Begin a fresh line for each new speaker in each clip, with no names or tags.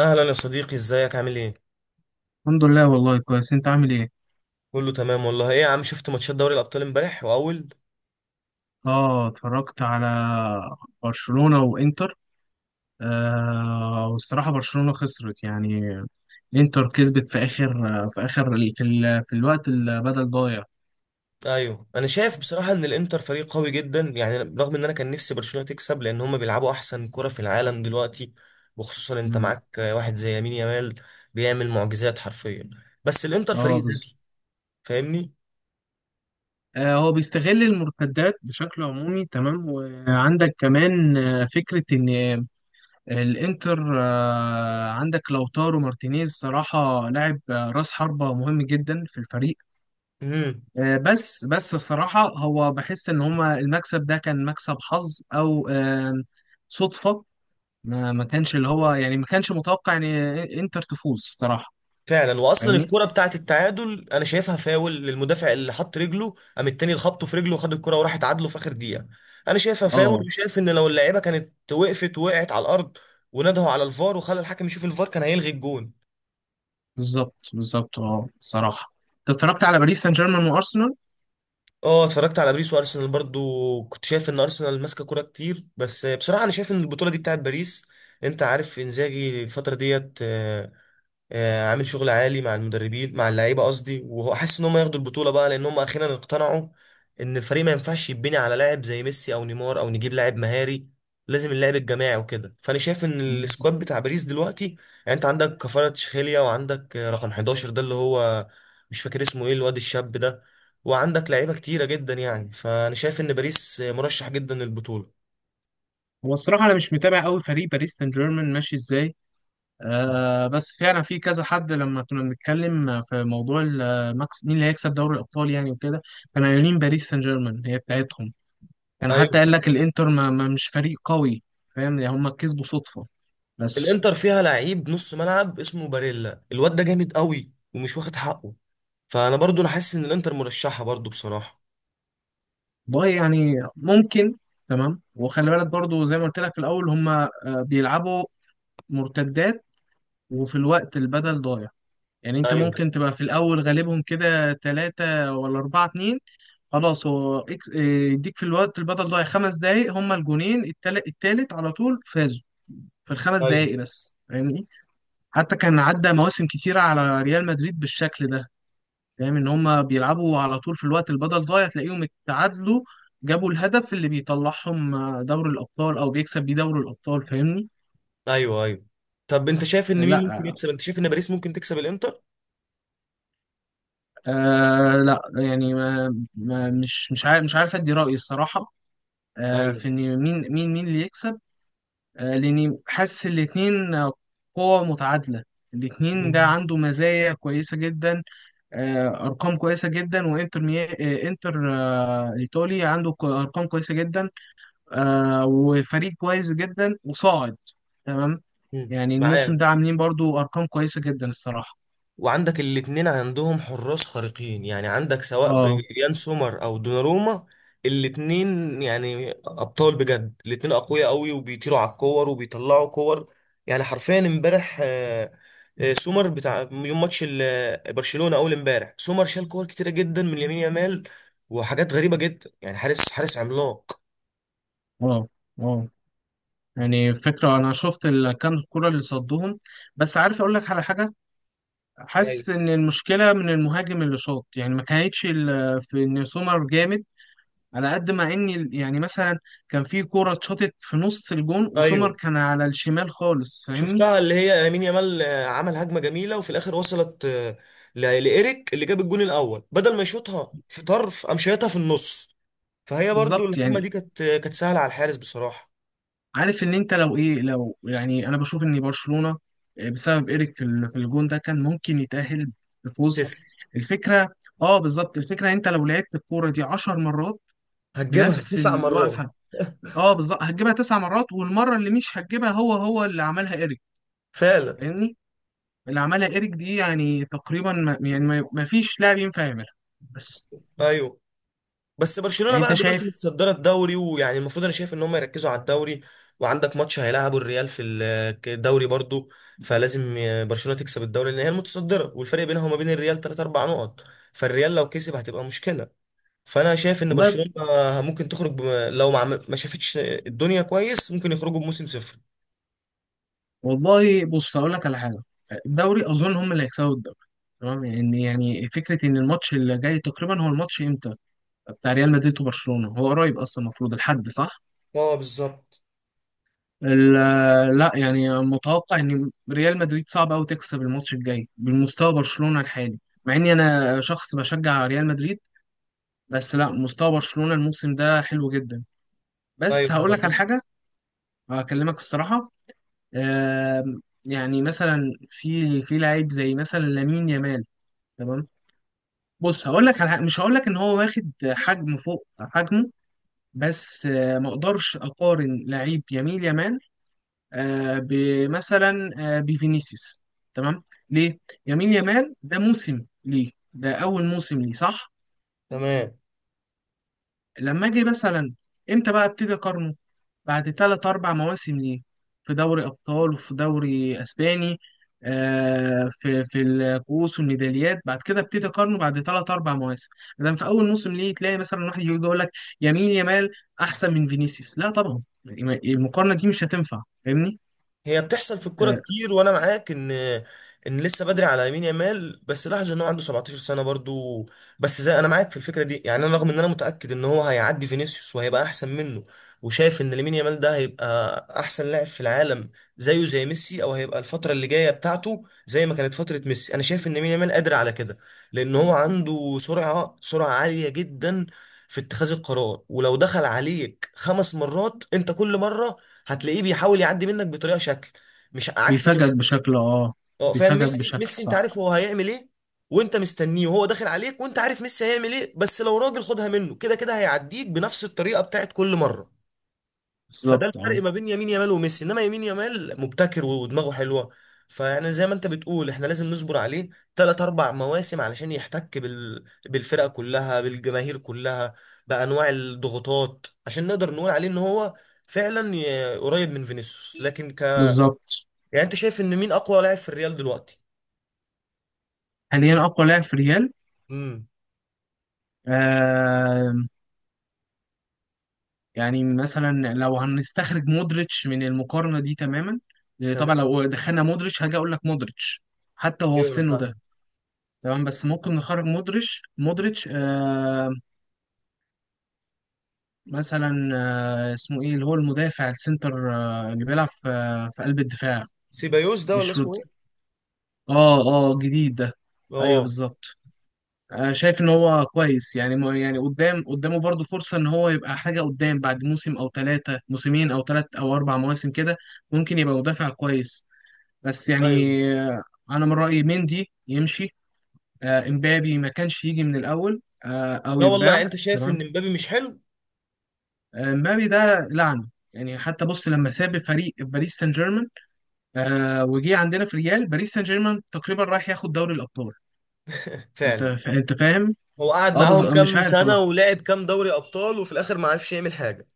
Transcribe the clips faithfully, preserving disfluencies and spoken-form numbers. اهلا يا صديقي، ازيك؟ عامل ايه؟
الحمد لله والله كويس. انت عامل ايه؟
كله تمام والله. ايه يا عم، شفت ماتشات دوري الابطال امبارح واول؟
اه، اتفرجت على برشلونة وانتر. آه والصراحة برشلونة خسرت يعني. انتر كسبت في اخر في اخر ال- في, ال... في الوقت البدل ضايع.
ايوه، انا شايف بصراحه ان الانتر فريق قوي جدا، يعني رغم ان انا كان نفسي برشلونه تكسب لان هم بيلعبوا احسن كره في العالم دلوقتي. وخصوصا انت
امم.
معاك واحد زي يمين يامال بيعمل معجزات حرفيا. بس الانتر
اه
فريق
بالظبط.
ذكي، فاهمني؟
آه هو بيستغل المرتدات بشكل عمومي. تمام، وعندك كمان آه، فكرة ان الانتر آه عندك لوتارو مارتينيز. صراحة لاعب آه، راس حربة مهم جدا في الفريق.
مم.
آه، بس بس الصراحة هو بحس إن هما المكسب ده كان مكسب حظ أو آم، صدفة. ما ما كانش اللي هو يعني ما كانش متوقع إن إنتر تفوز الصراحة.
فعلا، واصلا
فاهمني؟
الكرة بتاعت التعادل انا شايفها فاول للمدافع اللي حط رجله، قام التاني خبطه في رجله وخد الكرة وراح اتعادلوا في اخر دقيقة. انا شايفها فاول،
أه
وشايف ان لو اللعيبة كانت وقفت وقعت على الارض ونادوا على الفار وخلى الحكم يشوف الفار كان هيلغي الجون.
بالظبط، بالظبط، أه الصراحة. أنت اتفرجت على باريس سان جيرمان وأرسنال؟
اه، اتفرجت على باريس وارسنال برضو. كنت شايف ان ارسنال ماسكة كرة كتير، بس بصراحة انا شايف ان البطولة دي بتاعت باريس. انت عارف انزاجي الفترة ديت، آه، آه، عامل شغل عالي مع المدربين مع اللعيبه، قصدي، وهو حاسس ان هم ياخدوا البطوله بقى، لان هم اخيرا اقتنعوا ان الفريق ما ينفعش يتبني على لاعب زي ميسي او نيمار او نجيب لاعب مهاري. لازم اللعب الجماعي وكده. فانا شايف ان
بالظبط.
السكواد بتاع باريس دلوقتي يعني انت عندك كفارة تشخيليا، وعندك آه، رقم احداشر ده اللي هو مش فاكر اسمه ايه، الواد الشاب ده، وعندك لعيبه كتيره جدا. يعني فانا شايف ان باريس آه، مرشح جدا للبطوله.
هو الصراحة أنا مش متابع أوي فريق باريس سان جيرمان ماشي إزاي. آه بس فعلا في كذا حد لما كنا بنتكلم في موضوع المكس... مين اللي هيكسب دوري الأبطال يعني وكده. كانوا قايلين باريس سان جيرمان هي بتاعتهم. كان حتى
ايوه،
قال لك الانتر ما ما- مش فريق قوي. فاهم، يعني هم كسبوا صدفة بس.
الانتر فيها لعيب نص ملعب اسمه باريلا، الواد ده جامد قوي ومش واخد حقه. فانا برضو انا حاسس ان الانتر مرشحه برضو بصراحه.
باي يعني ممكن. تمام، وخلي بالك برضو زي ما قلت لك في الاول هم آه، بيلعبوا مرتدات. وفي الوقت البدل ضايع يعني انت
ايوه،
ممكن تبقى في الاول غالبهم كده ثلاثة ولا أربعة اتنين. خلاص، هو إكس- إيه، يديك في الوقت البدل ضايع خمس دقايق. هم الجونين التالت, التالت على طول فازوا في الخمس
ايوه،
دقايق بس فاهمني. حتى كان عدى مواسم كتيرة على ريال مدريد بالشكل ده. فاهم ان هم بيلعبوا على طول في الوقت البدل ضايع تلاقيهم اتعادلوا. جابوا الهدف اللي بيطلعهم آه، دوري الابطال او بيكسب بيه دوري الابطال فاهمني.
ايوه، ايوه. طب انت شايف ان مين
لا.
ممكن يكسب؟ انت شايف ان باريس ممكن تكسب الانتر؟
آه لا يعني ما ما مش مش عارف، مش عارف ادي رايي الصراحه. آه
ايوه.
في ان مين مين مين اللي يكسب. آه لاني حاسس الاثنين قوة متعادله. الاثنين ده
مم.
عنده مزايا كويسه جدا. آه ارقام كويسه جدا. وانتر مي... آه انتر آه الايطالي عنده ك- ارقام كويسه جدا. آه وفريق كويس جدا وصاعد. تمام.
مم.
يعني الموسم
معاك.
ده عاملين برضو ارقام كويسه جدا الصراحه.
وعندك الاتنين عندهم حراس خارقين، يعني عندك سواء ب-
اه،
يان سومر او دوناروما. الاتنين يعني ابطال بجد، الاتنين اقوياء قوي وبيطيروا على الكور وبيطلعوا كور. يعني حرفيا امبارح، آه، آه، سومر بتاع يوم ماتش ال- آه، برشلونة اول امبارح، سومر شال كور كتيرة جدا من يمين يامال وحاجات غريبة جدا. يعني حارس حارس عملاق.
اه، اه، يعني فكره انا شفت ال- كام كره اللي صدهم. بس عارف اقول لك على حاجه.
ايوه،
حاسس ان المشكله من المهاجم اللي شاط، يعني ما كانتش ال- في ان سومر جامد. على قد ما ان ال- يعني مثلا كان في كره اتشاطت في نص الجون وسومر
ايوه،
كان على الشمال خالص فاهمني.
شفتها اللي هي يمين يامال آه، عمل هجمه جميله وفي الاخر وصلت آه، ل- لايريك، اللي جاب الجون الاول، بدل ما يشوطها في طرف قام شايطها في النص، فهي برضو
بالظبط.
الهجمه
يعني
دي كانت آه، كانت سهله على الحارس بصراحه.
عارف ان انت لو ايه لو يعني انا بشوف ان برشلونة آه، بسبب ايريك في ال- في الجون ده كان ممكن يتأهل بفوز.
تسلم.
الفكرة. اه بالظبط. الفكرة إن انت لو لعبت الكورة دي 10 مرات
هتجيبها
بنفس
تسع مرات.
الوقفة. اه بالظبط، هتجيبها تسع مرات. والمرة اللي مش هتجيبها هو هو اللي عملها ايريك
فعلا.
فاهمني. اللي عملها ايريك دي يعني تقريبا ما يعني ما ما فيش لاعب ينفع يعملها بس.
ايوه. بس برشلونه
يعني
بقى
انت
دلوقتي
شايف.
متصدره الدوري، ويعني المفروض انا شايف ان هم يركزوا على الدوري. وعندك ماتش هيلعبوا الريال في ال- الدوري برضو. فلازم آه، برشلونه تكسب الدوري لان هي المتصدره، والفرق بينها وما بين الريال تلات اربع نقط. فالريال لو كسب هتبقى مشكله. فانا شايف ان
والله.
برشلونه ممكن تخرج بم... لو ما, عمل... ما شافتش الدنيا كويس، ممكن يخرجوا بموسم صفر.
والله بص هقول لك على حاجه. الدوري اظن هم اللي هيكسبوا الدوري. تمام، ان يعني فكره ان الماتش اللي جاي تقريبا هو الماتش امتى بتاع ريال مدريد وبرشلونه، هو قريب اصلا. المفروض الحد، صح.
اه بالظبط.
ال- لا يعني متوقع ان ريال مدريد صعب قوي تكسب الماتش الجاي بالمستوى برشلونه الحالي. مع اني انا شخص بشجع ريال مدريد. بس لا، مستوى برشلونه الموسم ده حلو جدا.
ايوه
بس
انا
هقول لك
معاك.
على حاجه، هكلمك الصراحه. آم، يعني مثلا في في لعيب زي مثلا لامين يامال. تمام. بص هقول لك على حاجة. مش هقول لك ان هو واخد حجم فوق حجمه، بس آه، ما اقدرش اقارن لعيب يمين يامال آه، بمثلا آه، بفينيسيوس. تمام. ليه؟ يمين يامال ده موسم ليه، ده اول موسم ليه، صح؟
تمام.
لما اجي مثلا امتى بقى ابتدي اقارنه؟ بعد ثلاث أربع مواسم ليه، في دوري أبطال وفي دوري أسباني، آه في في الكؤوس والميداليات، بعد كده ابتدي أقارنه بعد ثلاث أربع مواسم. لأن في أول موسم ليه تلاقي مثلا واحد يجي يقول لك يمين يمال أحسن من فينيسيوس؟ لا طبعا. المقارنة دي مش هتنفع فاهمني.
هي بتحصل في الكوره
آه.
كتير، وانا معاك ان ان لسه بدري على يمين يامال، بس لاحظ ان هو عنده 17 سنه برضو. بس زي، انا معاك في الفكره دي، يعني انا رغم ان انا متاكد ان هو هيعدي فينيسيوس وهيبقى احسن منه، وشايف ان لامين يامال ده هيبقى احسن لاعب في العالم زيه زي ميسي، او هيبقى الفتره اللي جايه بتاعته زي ما كانت فتره ميسي. انا شايف ان لامين يامال قادر على كده لان هو عنده سرعه سرعه عاليه جدا في اتخاذ القرار. ولو دخل عليك خمس مرات انت، كل مره هتلاقيه بيحاول يعدي منك بطريقه شكل، مش عكس
بيفاجئك
ميسي.
بشكل، أه.
اه فاهم،
بيفاجئك
ميسي
بشكل،
ميسي انت
صح.
عارف هو هيعمل ايه، وانت مستنيه وهو داخل عليك وانت عارف ميسي هيعمل ايه، بس لو راجل خدها منه كده كده هيعديك بنفس الطريقه بتاعت كل مره. فده
بالظبط
الفرق
أه.
ما بين يمين يامال وميسي، انما يمين يامال مبتكر ودماغه حلوه. فيعني زي ما انت بتقول، احنا لازم نصبر عليه تلات اربع مواسم علشان يحتك بال... بالفرقه كلها، بالجماهير كلها، بانواع الضغوطات، عشان نقدر نقول عليه ان هو فعلا ي- قريب من فينيسيوس، لكن.
بالظبط.
يعني انت شايف ان مين اقوى لاعب في الريال دلوقتي؟
حاليا أقوى لاعب في ريال.
امم
آه. يعني مثلا لو هنستخرج مودريتش من المقارنة دي تماما، لأن طبعا
تمام.
لو دخلنا مودريتش هاجي اقول لك مودريتش حتى وهو في
ايوه انا
سنه
فاهم.
ده. تمام. بس ممكن نخرج مودريتش. مودريتش آه مثلا آه اسمه ايه اللي هو المدافع السنتر آه اللي بيلعب في, آه في قلب الدفاع.
سيبايوس ده، ولا
مش رود.
اسمه ايه؟
اه. اه، جديد ده. ايوه
اه.
بالظبط. آه شايف ان هو كويس. يعني م- يعني قدام قدامه برضه فرصة ان هو يبقى حاجة قدام بعد موسم او ثلاثة موسمين او ثلاث او اربع مواسم كده. ممكن يبقى مدافع كويس. بس
ايوه.
يعني آه، انا من رايي مندي يمشي. آه، امبابي ما كانش يجي من الاول آه، او
لا والله، يعني
يتباع.
انت شايف
تمام.
ان مبابي مش حلو؟
آه، امبابي ده لعنه. يعني حتى بص، لما ساب فريق باريس سان جيرمان آه، وجي عندنا في ريال، باريس سان جيرمان تقريبا رايح ياخد دوري الابطال. انت
فعلا.
فا- انت فاهم.
هو قعد
اه بز...
معاهم
آه، مش
كام
عارف
سنه
والله.
ولعب كام دوري ابطال وفي الاخر ما عرفش يعمل حاجه.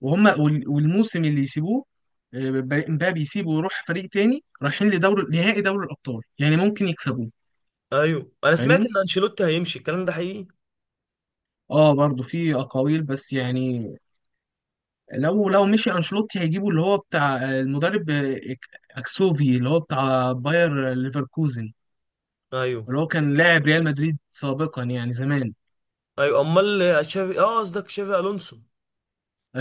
وهم وال- والموسم اللي يسيبوه آه، ب- امبابي يسيبه ويروح فريق تاني، رايحين لدوري نهائي دوري الابطال يعني ممكن يكسبوه
ايوه، انا سمعت
فاهمني.
ان انشيلوتي هيمشي، الكلام ده حقيقي؟
اه برضو في اقاويل بس يعني لو لو مشي انشيلوتي هيجيبوا اللي هو بتاع المدرب اكسوفي اللي هو بتاع باير ليفركوزن
ايوه
اللي هو كان لاعب ريال مدريد سابقا يعني زمان.
ايوه. امال تشافي، اه قصدك تشافي الونسو.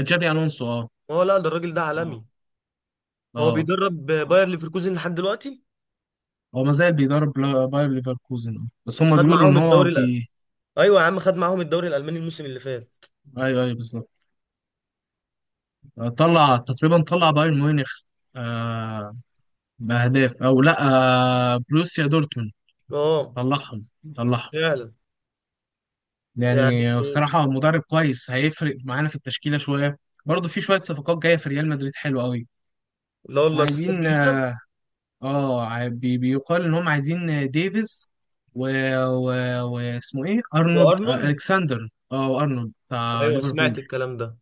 جافي الونسو. اه.
هو لا، ده الراجل ده عالمي.
اه. اه.
هو بيدرب
آه.
باير ليفركوزن لحد دلوقتي.
هو ما زال بيدرب لا- باير ليفركوزن آه. بس هم
خد
بيقولوا ان
معاهم
هو
الدوري الألماني.
بي.
ايوه يا عم، خد معاهم الدوري الالماني الموسم اللي فات.
ايوه ايوه بالظبط. آه، طلع تقريبا طلع بايرن ميونخ. آه باهداف او لا، آه بروسيا دورتموند.
اه
طلعهم. طلعهم.
فعلا. يعني
يعني بصراحة مدرب كويس هيفرق معانا في التشكيلة شوية. برضه في شوية صفقات جاية في ريال مدريد حلوة قوي.
لا والله، صفقات
عايزين،
جديده.
اه آه، عاي- بي- بيقال ان هم عايزين ديفيز و... و... واسمه ايه ارنولد آه
وارنولد.
الكسندر اه ارنولد بتاع
ايوه سمعت
ليفربول.
الكلام ده.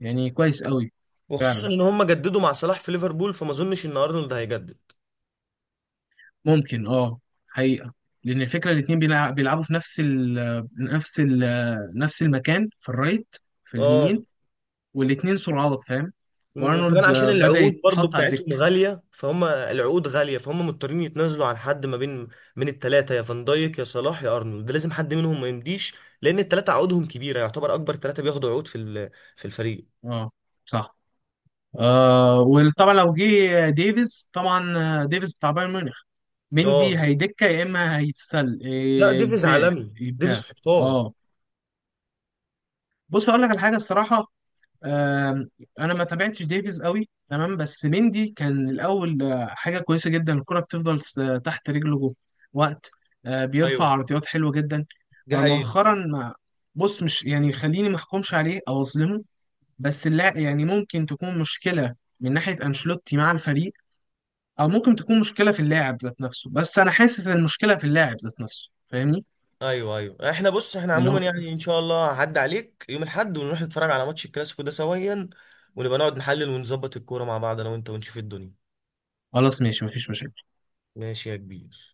يعني كويس قوي.
وخصوصا
فعلا
ان هم جددوا مع صلاح في ليفربول، فما اظنش ان ارنولد هيجدد.
ممكن اه، حقيقة. لأن الفكرة الاتنين بيلع- بيلعبوا في نفس ال نفس ال نفس المكان في الرايت، في
اه،
اليمين. والاتنين سرعات فاهم.
م- وكمان
وارنولد
عشان
آه، بدأ
العقود برضو
يتحط على
بتاعتهم
الدكة.
غاليه، فهم العقود غاليه، فهم مضطرين يتنازلوا عن حد ما بين. من الثلاثه، يا فان دايك يا صلاح يا ارنولد، لازم حد منهم ما يمديش، لان الثلاثه عقودهم كبيره. يعتبر اكبر ثلاثه بياخدوا عقود في ال- في الفريق.
اه صح. آه وطبعا لو جه ديفيز طبعا، آه، ديفيز بتاع بايرن ميونخ، مندي
اه.
هيدكه يا اما هيتسل
لا،
إيه،
ديفيز
يتباع.
عالمي،
يتباع
ديفيز حيطان.
اه. بص اقول لك على حاجه الصراحه. آم، انا ما تابعتش ديفيز قوي، تمام، بس مندي كان الاول آه، حاجه كويسه جدا. الكره بتفضل س- تحت رجله جوه وقت، آه، بيرفع
ايوه
عرضيات حلوه جدا.
دي
آه،
حقيقة.
مؤخرا ما بص مش يعني خليني ما احكمش عليه او اظلمه. بس لا يعني ممكن تكون مشكلة من ناحية أنشيلوتي مع الفريق، أو ممكن تكون مشكلة في اللاعب ذات نفسه. بس أنا حاسس إن المشكلة في اللاعب ذات نفسه فاهمني.
ايوه ايوه احنا، بص، احنا
اللي
عموما
هو
يعني ان شاء الله هعدي عليك يوم الاحد ونروح نتفرج على ماتش الكلاسيكو ده سويا، ونبقى نقعد نحلل ونظبط الكوره مع بعض انا وانت ونشوف الدنيا.
خلاص ماشي، مفيش مشاكل.
ماشي يا كبير.